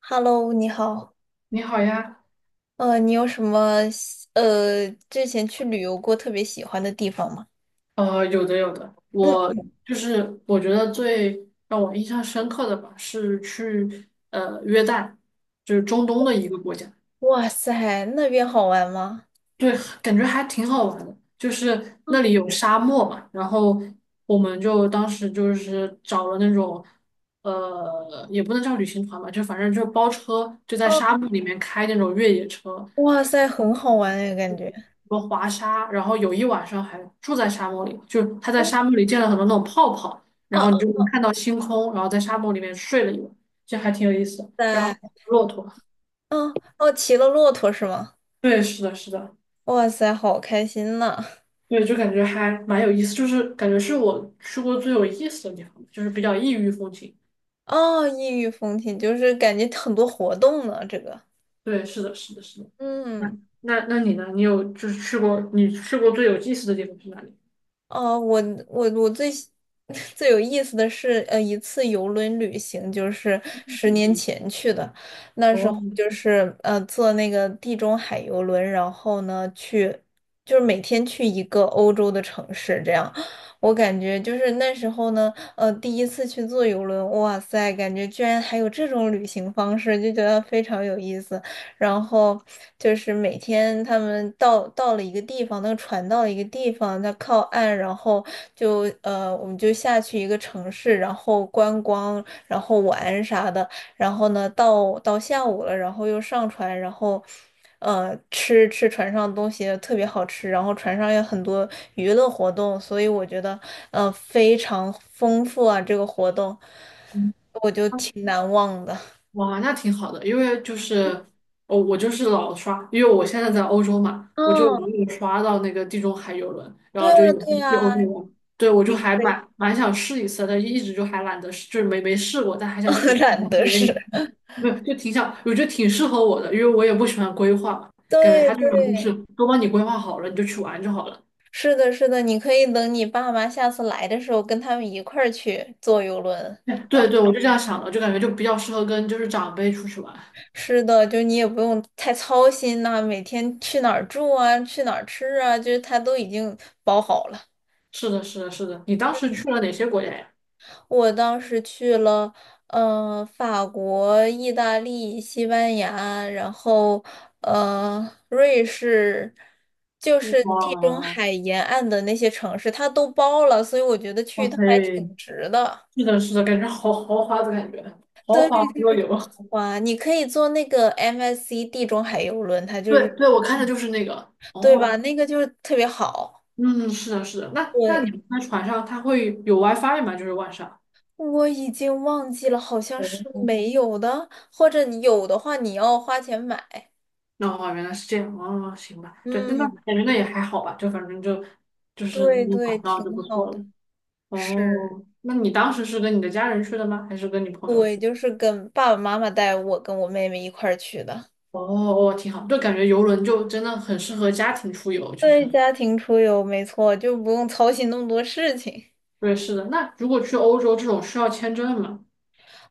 Hello，你好。你好呀，你有什么之前去旅游过特别喜欢的地方吗？有的有的，嗯，我就是我觉得最让我印象深刻的吧，是去约旦，就是中东的一个国家，哇塞，那边好玩吗？对，感觉还挺好玩的，就是嗯，那里有沙漠嘛，然后我们就当时就是找了那种也不能叫旅行团吧，就反正就包车，就在沙哦，漠里面开那种越野车，哇塞，很好玩哎，感觉。个滑沙，然后有一晚上还住在沙漠里，就是他在哦沙漠里建了很多那种泡泡，哦，然哦，后你就能看到星空，然后在沙漠里面睡了一晚，就还挺有意思的。然后还在，有骆驼，哦哦，骑了骆驼是吗？对，是的，是的，哇塞，好开心呐！对，就感觉还蛮有意思，就是感觉是我去过最有意思的地方，就是比较异域风情。哦，异域风情就是感觉很多活动呢，这个。对，是的，是的，是的。那嗯，那你呢？你有就是去过你去过最有意思的地方是哪里？哦，我 最有意思的是，一次游轮旅行，就是十嗯，年前去的。那时候哦，就是坐那个地中海游轮，然后呢去，就是每天去一个欧洲的城市，这样。我感觉就是那时候呢，第一次去坐游轮，哇塞，感觉居然还有这种旅行方式，就觉得非常有意思。然后就是每天他们到了一个地方，那个船到了一个地方，它靠岸，然后我们就下去一个城市，然后观光，然后玩啥的。然后呢，到下午了，然后又上船，然后吃船上的东西特别好吃，然后船上有很多娱乐活动，所以我觉得非常丰富啊，这个活动嗯。我就挺难忘的。哇，那挺好的，因为就是我就是老刷，因为我现在在欧洲嘛，我就嗯，老有刷到那个地中海游轮，然对后就呀，也是对去欧呀，洲玩。对，我就你还可以，蛮想试一次的，但一直就还懒得试，就是没试过，但还想挺 挺懒想体得验是，一下，没有就挺想，我觉得挺适合我的，因为我也不喜欢规划，感觉对它这种就是对，都帮你规划好了，你就去玩就好了。是的，是的，你可以等你爸妈下次来的时候，跟他们一块儿去坐游轮。对对，我就这样想的，就感觉就比较适合跟就是长辈出去玩。是的，就你也不用太操心呐、每天去哪儿住啊，去哪儿吃啊，就是他都已经包好了。是的，是的，是的。你当时去了哪些国家呀？我当时去了，法国、意大利、西班牙，然后瑞士，就是地中哇，海沿岸的那些城市，它都包了，所以我觉得去一哇趟塞，还挺值的。是的，是的，感觉好豪华的感觉，豪华桌游。哇，你可以坐那个 MSC 地中海游轮，它就对是，对，我看的嗯，就是那个。对吧？哦，那个就是特别好。嗯，是的，是的。那你对，们在船上，它会有 WiFi 吗？就是晚上。我已经忘记了，好像是哦，没有的，或者你有的话，你要花钱买。那哦原来是这样。哦，行吧。对，那嗯。感觉那也还好吧，就反正就是对能对，玩到挺就不好错的。了。是，哦，那你当时是跟你的家人去的吗？还是跟你朋友对，去？就是跟爸爸妈妈带我跟我妹妹一块儿去的。哦哦，挺好，就感觉游轮就真的很适合家庭出游，就是。对，家庭出游没错，就不用操心那么多事情。对，是的。那如果去欧洲这种需要签证吗？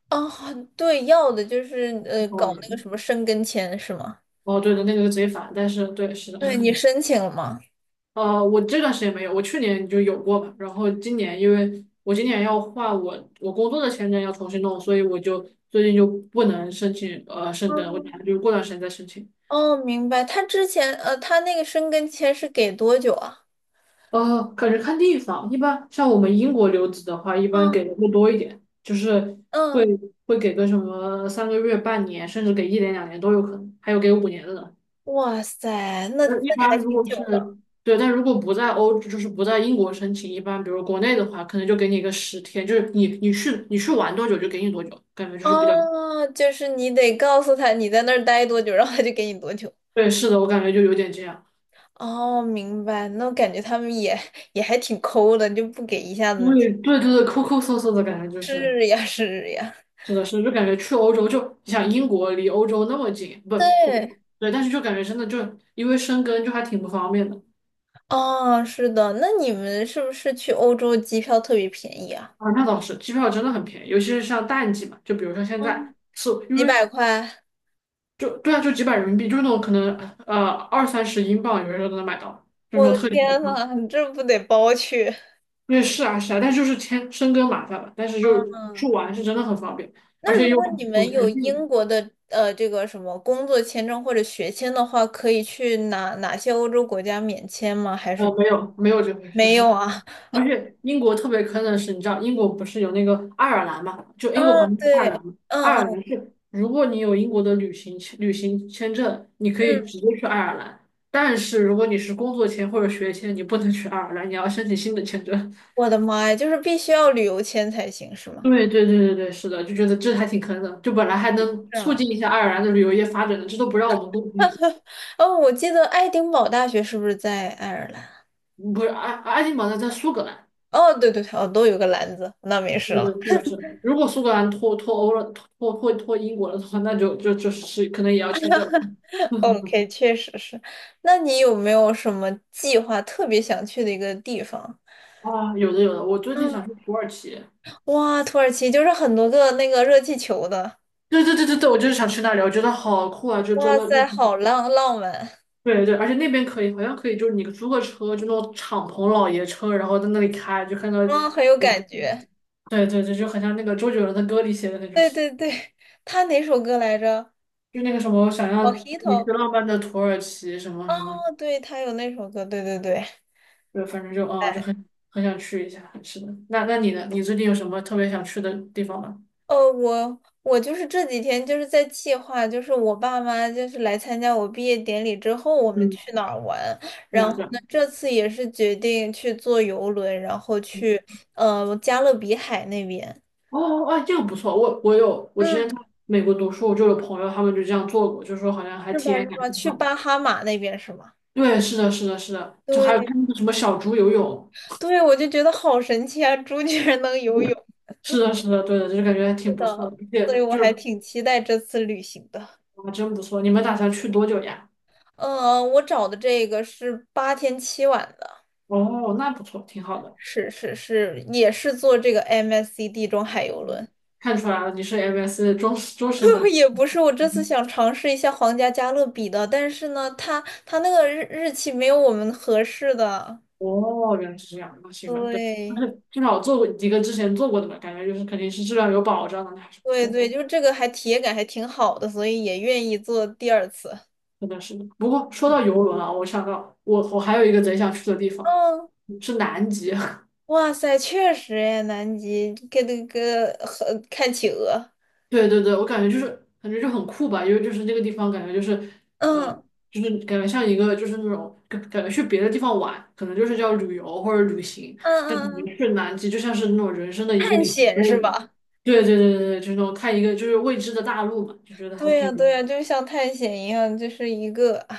啊。对，要的就是搞哦，那个什么申根签是吗？哦，对的，那个就直接但是对，是的，对，你申请了吗？我这段时间没有，我去年就有过嘛，然后今年因为我今年要换我工作的签证要重新弄，所以我就最近就不能申请申根，我哦，打算就是过段时间再申请。哦明白。他之前他那个申根签是给多久啊？感觉看地方，一般像我们英国留子的话，一般嗯给的会多一点，就是会嗯，会给个什么3个月、半年，甚至给1年、两年都有可能，还有给5年的呢。哇塞，那那一那还般如挺果久是的。对，但如果不在欧，就是不在英国申请，一般比如国内的话，可能就给你一个10天，就是你去玩多久就给你多久，感觉就是哦，就是你得告诉他你在那儿待多久，然后他就给你多久。对，是的，我感觉就有点这样，哦，明白。那我感觉他们也也还挺抠的，就不给一下因子停，为对对对，抠抠搜搜的感觉就是，是呀，是呀。是的，就感觉去欧洲就你想英国离欧洲那么近，不，我对，对，但是就感觉真的就因为生根就还挺不方便的。哦，是的。那你们是不是去欧洲机票特别便宜啊？啊，那倒是，机票真的很便宜，尤其是像淡季嘛，就比如说现嗯，在是因几百为块？就对啊，就几百人民币，就是那种可能二三十英镑，有些时候都能买到，就我那种的特价机天票。呐，你这不得包去？对，是啊是啊，但是就是签深根麻烦了，但是就是去嗯，玩是真的很方便，而那如且又果很你很们有坑地。英国的这个什么工作签证或者学签的话，可以去哪哪些欧洲国家免签吗？还是没有没有这回事，没有啊？而且英国特别坑的是，你知道英国不是有那个爱尔兰嘛？就英国旁啊，边是爱尔对，兰嘛，嗯爱尔嗯兰是如果你有英国的旅行签证，你可以嗯。直接去爱尔兰，但是如果你是工作签或者学签，你不能去爱尔兰，你要申请新的签证。我的妈呀，就是必须要旅游签才行，是吗？对对对对对，是的，就觉得这还挺坑的，就本来还能是促啊，进一下爱尔兰的旅游业发展的，这都不让我们公，嗯，哦，我记得爱丁堡大学是不是在爱尔兰？不是爱丁堡在苏格兰，哦，对对对，哦，都有个篮子，那没事对了。对是的是的。如果苏格兰脱欧了，脱英国了的话，那就是可能也要签证了。OK，确实是。那你有没有什么计划特别想去的一个地方？啊，有的有的，我最近嗯，想去土耳其。哇，土耳其就是很多个那个热气球的，对对对对对，我就是想去那里，我觉得好酷啊！就坐哇了，塞，好浪浪漫，对对，而且那边可以，好像可以，就是你租个车，就那种敞篷老爷车，然后在那里开，就看到，嗯，很有感觉。对对对，就很像那个周杰伦的歌里写的那种，对对对，他哪首歌来着就那个什么想要带你去？Mojito。浪漫的土耳其什么什么，哦，对，他有那首歌，对对对。对，反正就哎，很想去一下。是的，那你呢？你最近有什么特别想去的地方吗？我就是这几天就是在计划，就是我爸妈就是来参加我毕业典礼之后，我们嗯，去哪儿玩。对然呀，后对呀。呢，这次也是决定去坐游轮，然后去加勒比海那边，哦，哎，这个不错，我之前嗯，在美国读书，我就有朋友他们就这样做过，就说好像还是体吧验是感吧？挺去好的。巴哈马那边是吗？对，是的，是的，是的，就还有对看那个什么小猪游泳，对，我就觉得好神奇啊，猪居然能游泳。是的，是的，对的，就是感觉还是挺不错的，的，而所以且我就还是挺期待这次旅行的。啊，真不错。你们打算去多久呀？嗯、我找的这个是八天七晚的。哦，那不错，挺好的。是是是，也是坐这个 MSC 地中海游嗯轮。看出来了，你是 MS 的忠实粉 丝。也不是，我这次嗯，想尝试一下皇家加勒比的，但是呢，它那个日期没有我们合适的。哦，原来是这样，那行吧，对，但对是至少做过一个之前做过的吧，感觉就是肯定是质量有保障的，那还是不对错，对，就这个还体验感还挺好的，所以也愿意做第二次。真的是的，不过说到嗯，游轮啊，我想到我还有一个贼想去的地方。嗯，是南极，哇塞，确实哎，南极跟那个和看企鹅，对对对，我感觉就是感觉就很酷吧，因为就是那个地方感觉就是呃，嗯就是感觉像一个就是那种感觉去别的地方玩，可能就是叫旅游或者旅行，嗯但嗯，感嗯，觉去南极就像是那种人生的一个探里程险碑。是吧？对对对对对，就是那种看一个就是未知的大陆嘛，就觉得还对呀挺有意对呀，思。就像探险一样，就是一个，唉。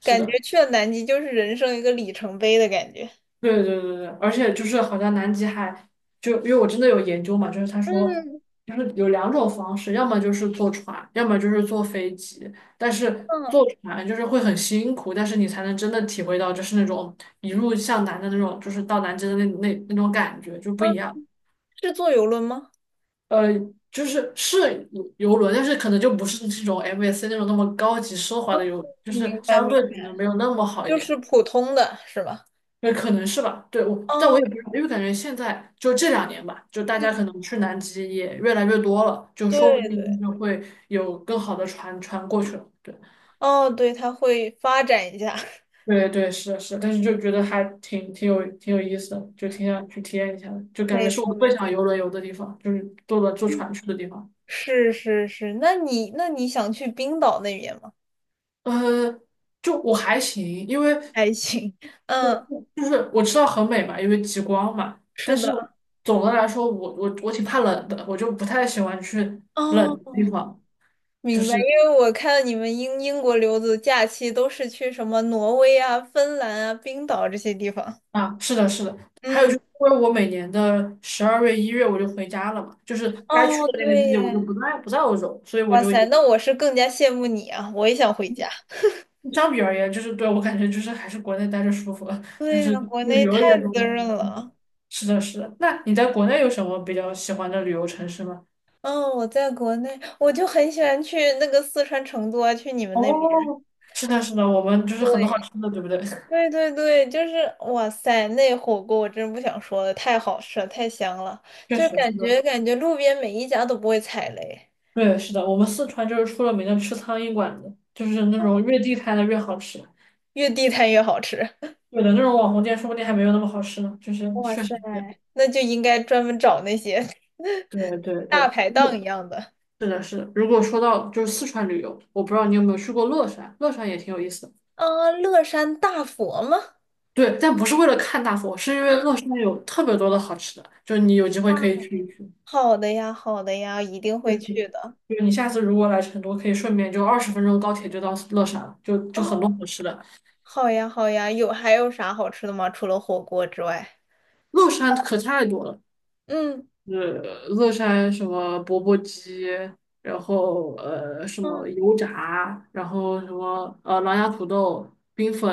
是感觉的。去了南极就是人生一个里程碑的感觉。对对对对，而且就是好像南极海，就因为我真的有研究嘛，就是他说，嗯就是有两种方式，要么就是坐船，要么就是坐飞机。但是嗯坐船就是会很辛苦，但是你才能真的体会到就是那种一路向南的那种，就是到南极的那种感觉就不嗯，一样。是坐游轮吗？呃，就是是游轮，但是可能就不是这种 MSC 那种那么高级奢华的哦，游，就是明白相明对可能白，没有那么好一就点。是普通的是吧？那可能是吧。对，但我哦，也不知道，因为感觉现在就这两年吧，就大家嗯，可能去南极也越来越多了，就说对不定就对，是会有更好的船过去了。对，哦，对，它会发展一下，对对，是的是的，但是就觉得还挺有意思的，就挺想去体验一下的，就感觉没是错我没最错，想游轮游的地方，就是坐船去的地方。是是是。那你那你想去冰岛那边吗？呃，就我还行，因为还行，就嗯，就是我知道很美嘛，因为极光嘛。是但是的，总的来说，我挺怕冷的，我就不太喜欢去冷的地哦，方。就明白。是因为我看你们英英国留子假期都是去什么挪威啊、芬兰啊、冰岛这些地方，啊，是的，是的。还有就嗯。是，因为我每年的12月、1月我就回家了嘛，就是该去哦，的对那个季节我就耶，不在欧洲，所以我哇就塞，也那我是更加羡慕你啊！我也想回家。相比而言，就是对我感觉就是还是国内待着舒服，就对是呀，国旅内游也太多。滋润了。是的，是的。那你在国内有什么比较喜欢的旅游城市吗？嗯，我在国内，我就很喜欢去那个四川成都啊，去你们哦，那边。是的，是的，我们就是很多好对，吃的，对不对？对对对，就是哇塞，那火锅我真不想说了，太好吃了，太香了，确就是实是感的，觉感觉路边每一家都不会踩雷，对，是的，我们四川就是出了名的吃苍蝇馆子，就是那种越地摊的越好吃。越地摊越好吃。有的那种网红店说不定还没有那么好吃呢，就是哇确实塞，是这样。那就应该专门找那些 对对 大对，排档一样的。是的，是的。如果说到就是四川旅游，我不知道你有没有去过乐山，乐山也挺有意思的。啊，乐山大佛吗？对，但不是为了看大佛，是因为乐山有特别多的好吃的，就你有机会啊。可以去一去。好的呀，好的呀，一定就会是去的。就是你下次如果来成都，可以顺便就20分钟高铁就到乐山了，就很多哦，好吃的。好呀，好呀，有还有啥好吃的吗？除了火锅之外，乐山可太多了。嗯是乐山什么钵钵鸡，然后什么嗯，油炸，然后什么狼牙土豆、冰粉，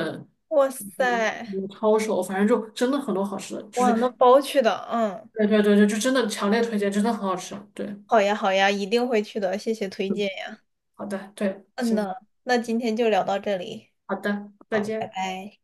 哇然后什塞，么抄手，反正就真的很多好吃的，就哇，是那包去的，嗯，对对对对，就真的强烈推荐，真的很好吃。对，好呀，好呀，一定会去的，谢谢推荐嗯，呀。好的，对，嗯行，呐，那今天就聊到这里，好的，再好，拜见。拜。